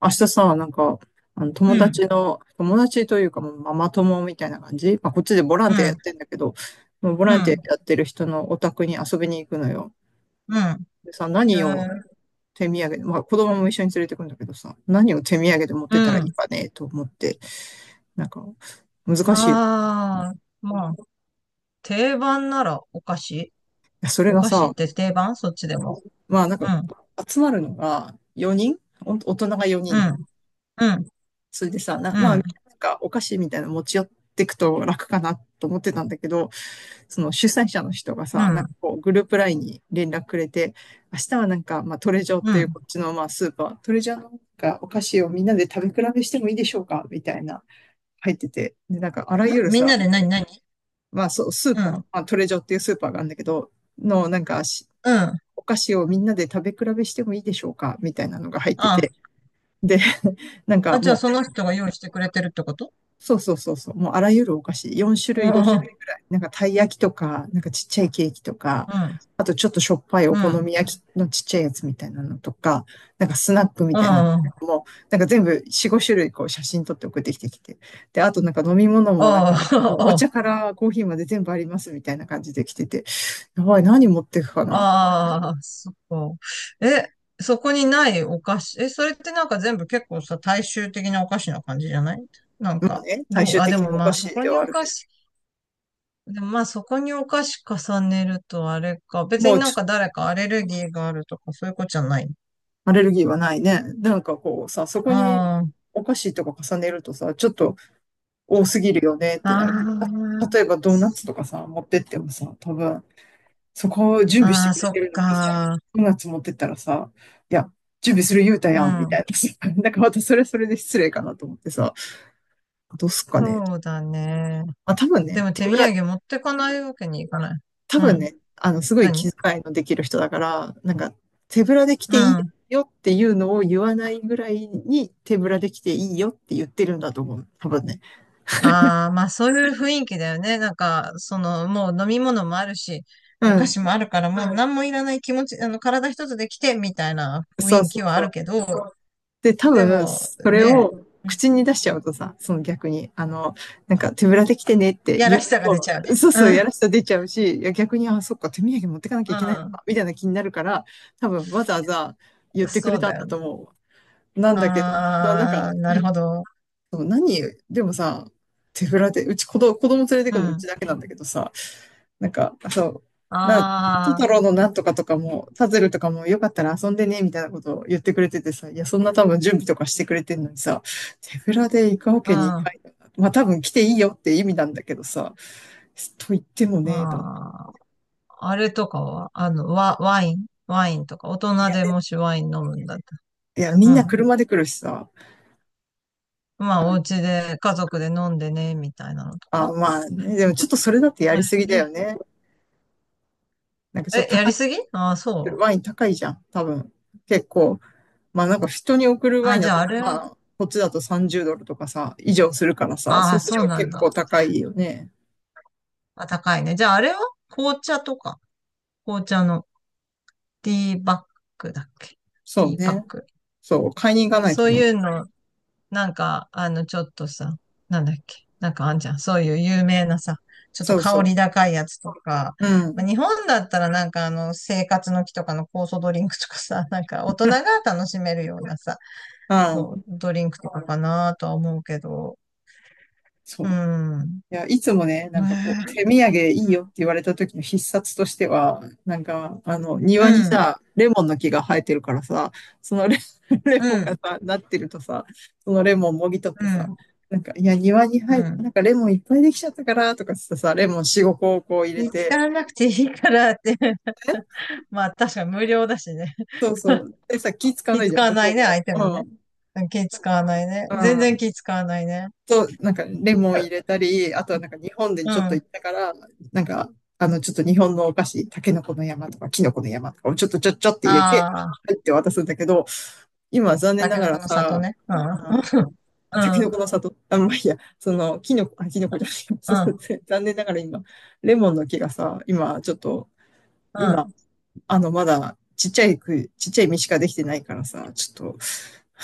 明日さ、なんか、あの友うん、達の、友達というか、もうママ友みたいな感じ。まあ、こっちでボランうティアやっん、てんだけど、もうボうランティん、アやってる人のお宅に遊びに行くのよ。うん、でさ、え何をー、手土産で、まあ、子供も一緒に連れてくんだけどさ、何を手土産で持っうてたらいいん。かね、と思って、なんか、難しいよ。いああ、まあ、定番ならお菓子。やそれおが菓子さ、って定番そっちでも。まあ、なんか、うん、集まるのが4人、お大人が4う人。ん、うん、それでさ、うまあ、なんん、か、お菓子みたいなの持ち寄ってくと楽かなと思ってたんだけど、その主催者の人がうさ、なんん、かこうグループラインに連絡くれて、明日はなんか、まあ、トレジョっうん。ていうこっちのまあスーパー、トレジョのなんかお菓子をみんなで食べ比べしてもいいでしょうかみたいな入ってて、で、なんかあらゆるみんさ、なで何、何？まあそう、スーうん、パうー、まん。あ、トレジョっていうスーパーがあるんだけど、のなんかあお菓子をみんなで食べ比べしてもいいでしょうかみたいなのが入ってあ、て、で、なんかじゃあもそうの人が用意してくれてるってこと？そうそうそうそう。もうあらゆるお菓子、4種うん、類、5種う類ぐらい。なんかたい焼きとか、なんかちっちゃいケーキとか、ん、あとちょっとしょっぱいうお好ん。みあ焼きのちっちゃいやつみたいなのとか、なんかスナックみたいなあ、のも、なんか全部4、5種類こう写真撮って送ってきて。で、あとなんか飲み物もなんああ、か、もうおああ、茶からコーヒーまで全部ありますみたいな感じで来てて、やばい、何持ってくかなと。ああ、そこ。え、そこにないお菓子。え、それってなんか全部結構さ、大衆的なお菓子な感じじゃない？なんまあか、ね、最どう、終あ、で的にもおま菓あそ子こでにはあおるけ菓子、でもまあそこにお菓子重ねるとあれか。ど、別もにうなちんょっとか誰かアレルギーがあるとかそういうことじゃない？アレルギーはないね。なんかこうさ、そこにあお菓子とか重ねるとさ、ちょっと多すぎるよねっあ、てあなる。例あ、えばドーナツとかさ、持ってってもさ、多分、そこを準備しあてあ、くれそってるのにさ、か。ドーナツ持ってったらさ、いや、準備する言うたうやん、みたん。いなさ。なんかまたそれはそれで失礼かなと思ってさ、どうすっかね。そうだね。まあ多分でね、も手手ぶ土ら、産持ってかないわけにいかない。多う分ん。ね、あの、すごい気何？遣いのできる人だから、なんか、手ぶらで来うていいん。よっていうのを言わないぐらいに手ぶらで来ていいよって言ってるんだと思う。多分ね。ああ、まあそういう雰囲気だよね。なんか、その、もう飲み物もあるし、うお菓ん。子もあるから、もう何もいらない気持ち、あの、体一つで来て、みたいなそう雰囲そ気うはあそるう。けど、で、多で分、も、それね、を口に出しちゃうとさ、その逆に、あの、なんか手ぶらで来てねってや言らうしさが出ちと、ゃうね。そうそうう、やん、らしさ出ちゃうし、いや逆に、あ、そっか、手土産持ってかなきゃいけないのうか、みたいな気になるから、多分わざわざ言っん、てくれそうたんだだよとね。思う。なんだけど、もうなんか、ああ、いなや、るほど。何、でもさ、手ぶらで、うち子供連れてうくのうちん。だけなんだけどさ、なんか、そう、トトあロのなんとかとかも、パズルとかもよかったら遊んでね、みたいなことを言ってくれててさ、いや、そんな多分準備とかしてくれてんのにさ、手ぶらで行くわけにいかなあ、いよな。まあ多分来ていいよって意味なんだけどさ、と言ってもうん。ね、と。まあ、あれとかは、あの、ワインとか、大人でもしワイン飲むんだっいや、みたんなら。車で来るしさ。まあ、お家で家族で飲んでね、みたいなのとあ、かまあね、でもちょっとそれだってやり前すぎだよに。ね。なんかちょっえ、とや高りすい、ぎ？ああ、そう。ワイン高いじゃん、多分。結構。まあなんか人に送るワあ、インじだゃあと、あれは、まあこっちだと30ドルとかさ、以上するからさ、あそうあ、するそうとなん結構だ。高いよね。あ、高いね。じゃああれは紅茶とか、紅茶のティーバッグだっけ？テそィうーパッね。ク。そう、買いに行かないそとうね。いうの、なんか、あの、ちょっとさ、なんだっけ、なんかあんじゃん。そういう有名なさ、ちょっとそうそ香う。り高いやつとか。うまん。あ、日本だったらなんかあの、生活の木とかの酵素ドリンクとかさ、なんか大人が楽しめるようなさ、あそあ、う、ドリンクとかかなとは思うけど、そうう。ん。いや、いつもね、なんかこう、手ね土産いいよって言われた時の必殺としては、なんか、あの、え、庭にうん、さ、レモンの木が生えてるからさ、そのレうモンがん、さ、なってるとさ、そのレモンもぎ取っうてさ、ん、なんか、いや、庭にう生え、ん。なんかレモンいっぱいできちゃったから、とかつってさ、レモン4、5個をこう入れ気て、使わなくていいからって。え まあ確かに無料だしね。そうそう。でさ、気使わな気いじゃ使ん、わ向ないね、こ相手うもも。うね。ん。うん、気使わないね。う全然ん気使わないね。なんかレモン入れたり、あとはなんか日本でうん。ちょっとあ行ったから、なんか、あの、ちょっと日本のお菓子、タケノコの山とかキノコの山とかをちょっとちょっちょって入れて、あ、入って渡すんだけど、今は残念タなケがノコらの里さ、ね。うん。あ、タケうノん。コの里、あ、まあ、いいや、その、キノコ、あ、キノコじゃない、うそうそん。う残念ながら今、レモンの木がさ、今ちょっと、う今、ん。あの、まだちっちゃい実しかできてないからさ、ちょっと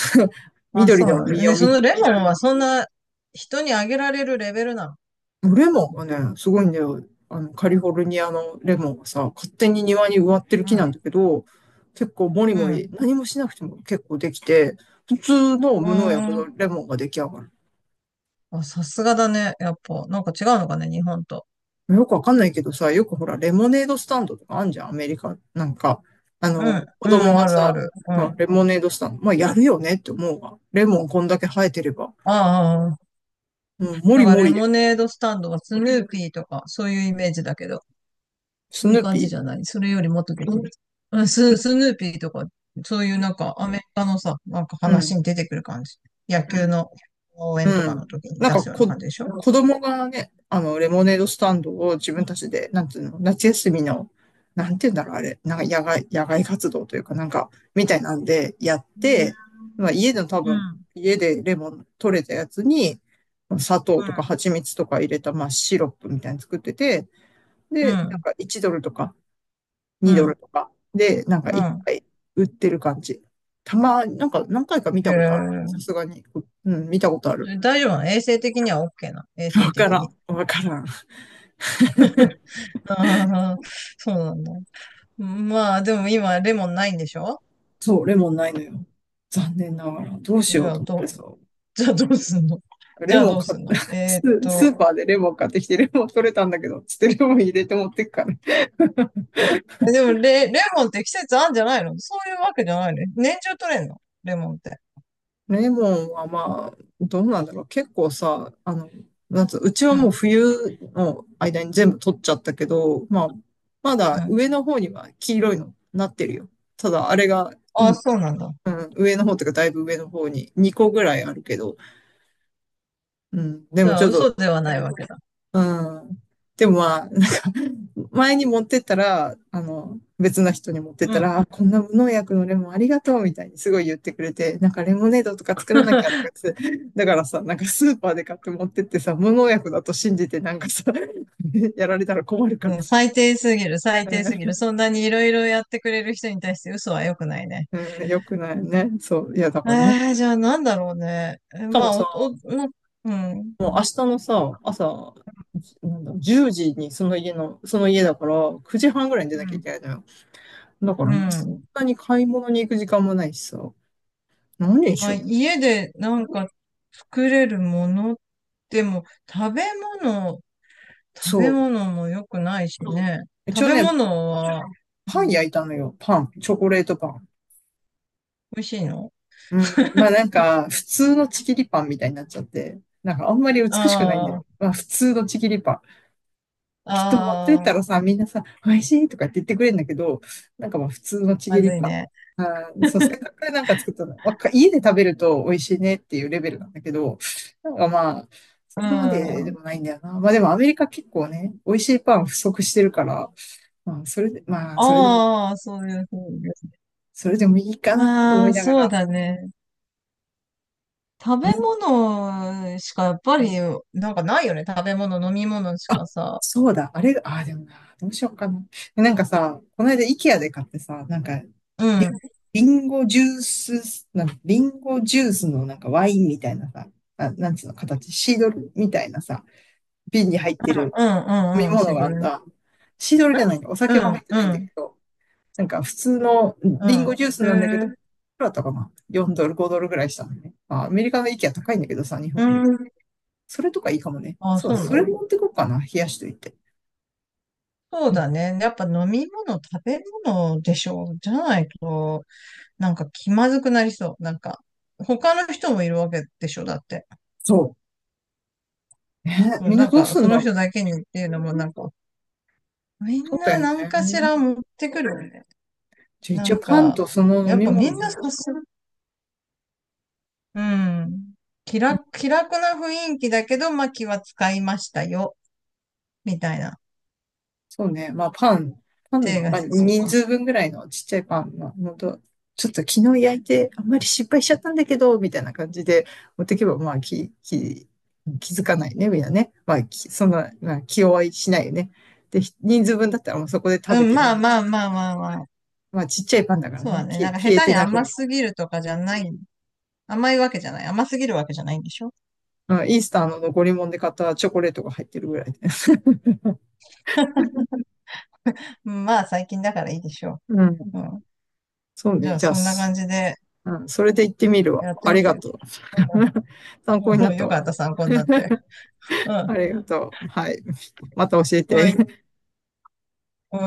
まあ、緑そうなのんだ。実ね、をそ見、のレモンはそんな人にあげられるレベルなの？レモンがね、すごいんだよ。あの、カリフォルニアのレモンがさ、勝手に庭に植わってるう木ん。なんだけど、結構もりうもり、ん。何もしなくても結構できて、普通のうー無農薬のん。レモンが出来上がる。あ、さすがだね。やっぱ、なんか違うのかね、日本と。よくわかんないけどさ、よくほら、レモネードスタンドとかあんじゃん、アメリカ。なんか、あうん、の、子う供ん、があるあさ、る。うん。まああ、レモネードスタンド、まあ、やるよねって思うわ。レモンこんだけ生えてれば。あ、ああ。うん、もだりかもらレりで、モネードスタンドはスヌーピーとか、そういうイメージだけど、スそういうヌー感ピじー。じゃない？それよりもっと別に。うん、スヌーピーとか、そういうなんかアメリカのさ、なんかうん。話に出てくる感じ。野球の応援とうかのん。時になん出か、すような感じでしょ？子供がね、あの、レモネードスタンドを自う分たん。ちで、なんていうの、夏休みの、なんていうんだろう、あれ、なんか野外活動というか、なんか、みたいなんでやっうん。て、まあ、家での多う分、ん。家でレモン取れたやつに、まあ砂糖うとかん。蜂蜜とか入れた、まあ、シロップみたいに作ってて、うで、なんん。か1ドルとかう2ドルん。とかで、なんかう1ん。杯売ってる感じ。なんか何回か見へたことある。え。さすがに、うん、見たことある。大丈夫なの、衛生的には？ OK なの、衛生わか的らに？ん。わからん。ああ、そうなんだ。まあ、でも今、レモンないんでしょ？そう、レモンないのよ。残念ながら。どうしじようゃとあ、思っどてう、さ。じゃあどうすんの？ じレゃあモンどう買っ すんて、の？えスーっスーパと、ーでレモン買ってきて、レモン取れたんだけど、つってレモン入れて持ってくから。え、でも、レモンって季節あんじゃないの？そういうわけじゃないの？年中取れんの、レモンって。レモンはまあ、どうなんだろう。結構さ、あの、なんつう、うちはうもうん、冬の間に全部取っちゃったけど、まあ、まうだん。上の方には黄色いのなってるよ。ただ、あれが、うああ、ん、そうなんだ。うん、上の方というかだいぶ上の方に2個ぐらいあるけど、うん、でじもゃちあ、ょっと嘘ではないわけだ。うん。でもまあ、なんか、前に持ってったら、あの、別の人に持ってっうたん。ら、あこんな無農薬のレモンありがとうみたいにすごい言ってくれて、なんかレモネードとか作らなきゃとか って、だからさ、なんかスーパーで買って持ってってさ、無農薬だと信じてなんかさ、やられたら困るからうん、さ、最低すぎる、最低すぎうる。そんなにいろいろやってくれる人に対して嘘は良くないね。んうん、よくないよね。そう、いやだからな。しえー、じゃあなんだろうね。え、かまもあ、さ、お、お、おうん、うん、もう明日のさ、朝、じなんだ、10時にその家だから、9時半ぐらいに出なきゃいけないのよ。だかうらもう、そんん。なに買い物に行く時間もないしさ。何にしまあ、よう。家でなんか作れるもの。でも、食べ物、食べそ物も良くないしね。う。一食応べね、物はパン焼いたのよ。パン。チョコレートパン。美味しいの？うん。まあなんか、普通のちぎりパンみたいになっちゃって。なんかあんまり美しくないんだあよ。あ、まあ普通のちぎりパン。きっと持ってっあたらあ、さ、みんなさ、美味しいとかって言ってくれるんだけど、なんかまあ普通のちぎまりずいパン。ね。あー、そう、せっかくなんか作ったの、家で食べると美味しいねっていうレベルなんだけど、なんかまあ、そうこまででん。もないんだよな。まあでもアメリカ結構ね、美味しいパン不足してるから、まあそれで、まあそれでも、ああ、そういうふうです。それでもいいかなとま思いあ、ながそうら、だね。食べみん物しかやっぱり、なんかないよね。食べ物、飲み物しあ、かさ。そうだ、あれ、あ、でもな、どうしようかな。なんかさ、この間、イケアで買ってさ、なんか、うん、うリ、ん、リンゴジュース、リンゴジュースのなんかワインみたいなさ、あ、なんつうの形、シードルみたいなさ、瓶に入ってるう飲みん、うん、シ物がグあんル。ん、だ。シードルじゃないんだ、おう酒は入ん、ってうないんだん。けど、なんか普通のうリンゴん。ジュースへなんだけど、いえ、くらだったかな？ 4 ドル、5ドルぐらいしたのね。あ、アメリカのイケア高いんだけどさ、日う本より。ん。それとかいいかもね。ああ、そうそだ、うなその。れ持ってこうかな、冷やしといて。そうだね。やっぱ飲み物、食べ物でしょう。じゃないと、なんか気まずくなりそう。なんか、他の人もいるわけでしょ、だって。そう。ね、そうみんななんどうか、すんそだのろ人う。だけにっていうのも、なんか、みそんうだなよ何ね。かしら持ってくるよね。じゃあな一応んパンか、とその飲やっみぱみん物。なそうする。うん。気楽、気楽な雰囲気だけど、まあ気は使いましたよ。みたいな。そうね。まあパン、パ手ン、がまあしそう。人数分ぐらいのちっちゃいパンのと、ちょっと昨日焼いてあんまり失敗しちゃったんだけど、みたいな感じで持ってけば、まあ気づかないね、みんなね。まあ、そんな、まあ、気弱いしないよね。で、人数分だったらもうそこで食うべん、てまあね。まあまあまあまあ。まあちっちゃいパンだからそうね。だね。消なえんか下消え手てにな甘く、すぎるとかじゃない？甘いわけじゃない。甘すぎるわけじゃないんでしょ？うんイースターの残り物で買ったチョコレートが入ってるぐらいで。うん、まあ、最近だからいいでしょうん。う。うん。そうじね。ゃあ、じゃあ、そんな感じでうん、それで行ってみるわ。やってあみりてがよ。とう。うん、うん 参考になっ たよかわ。った、参考になって。うん。ありがとう。はい。また教えおい。て。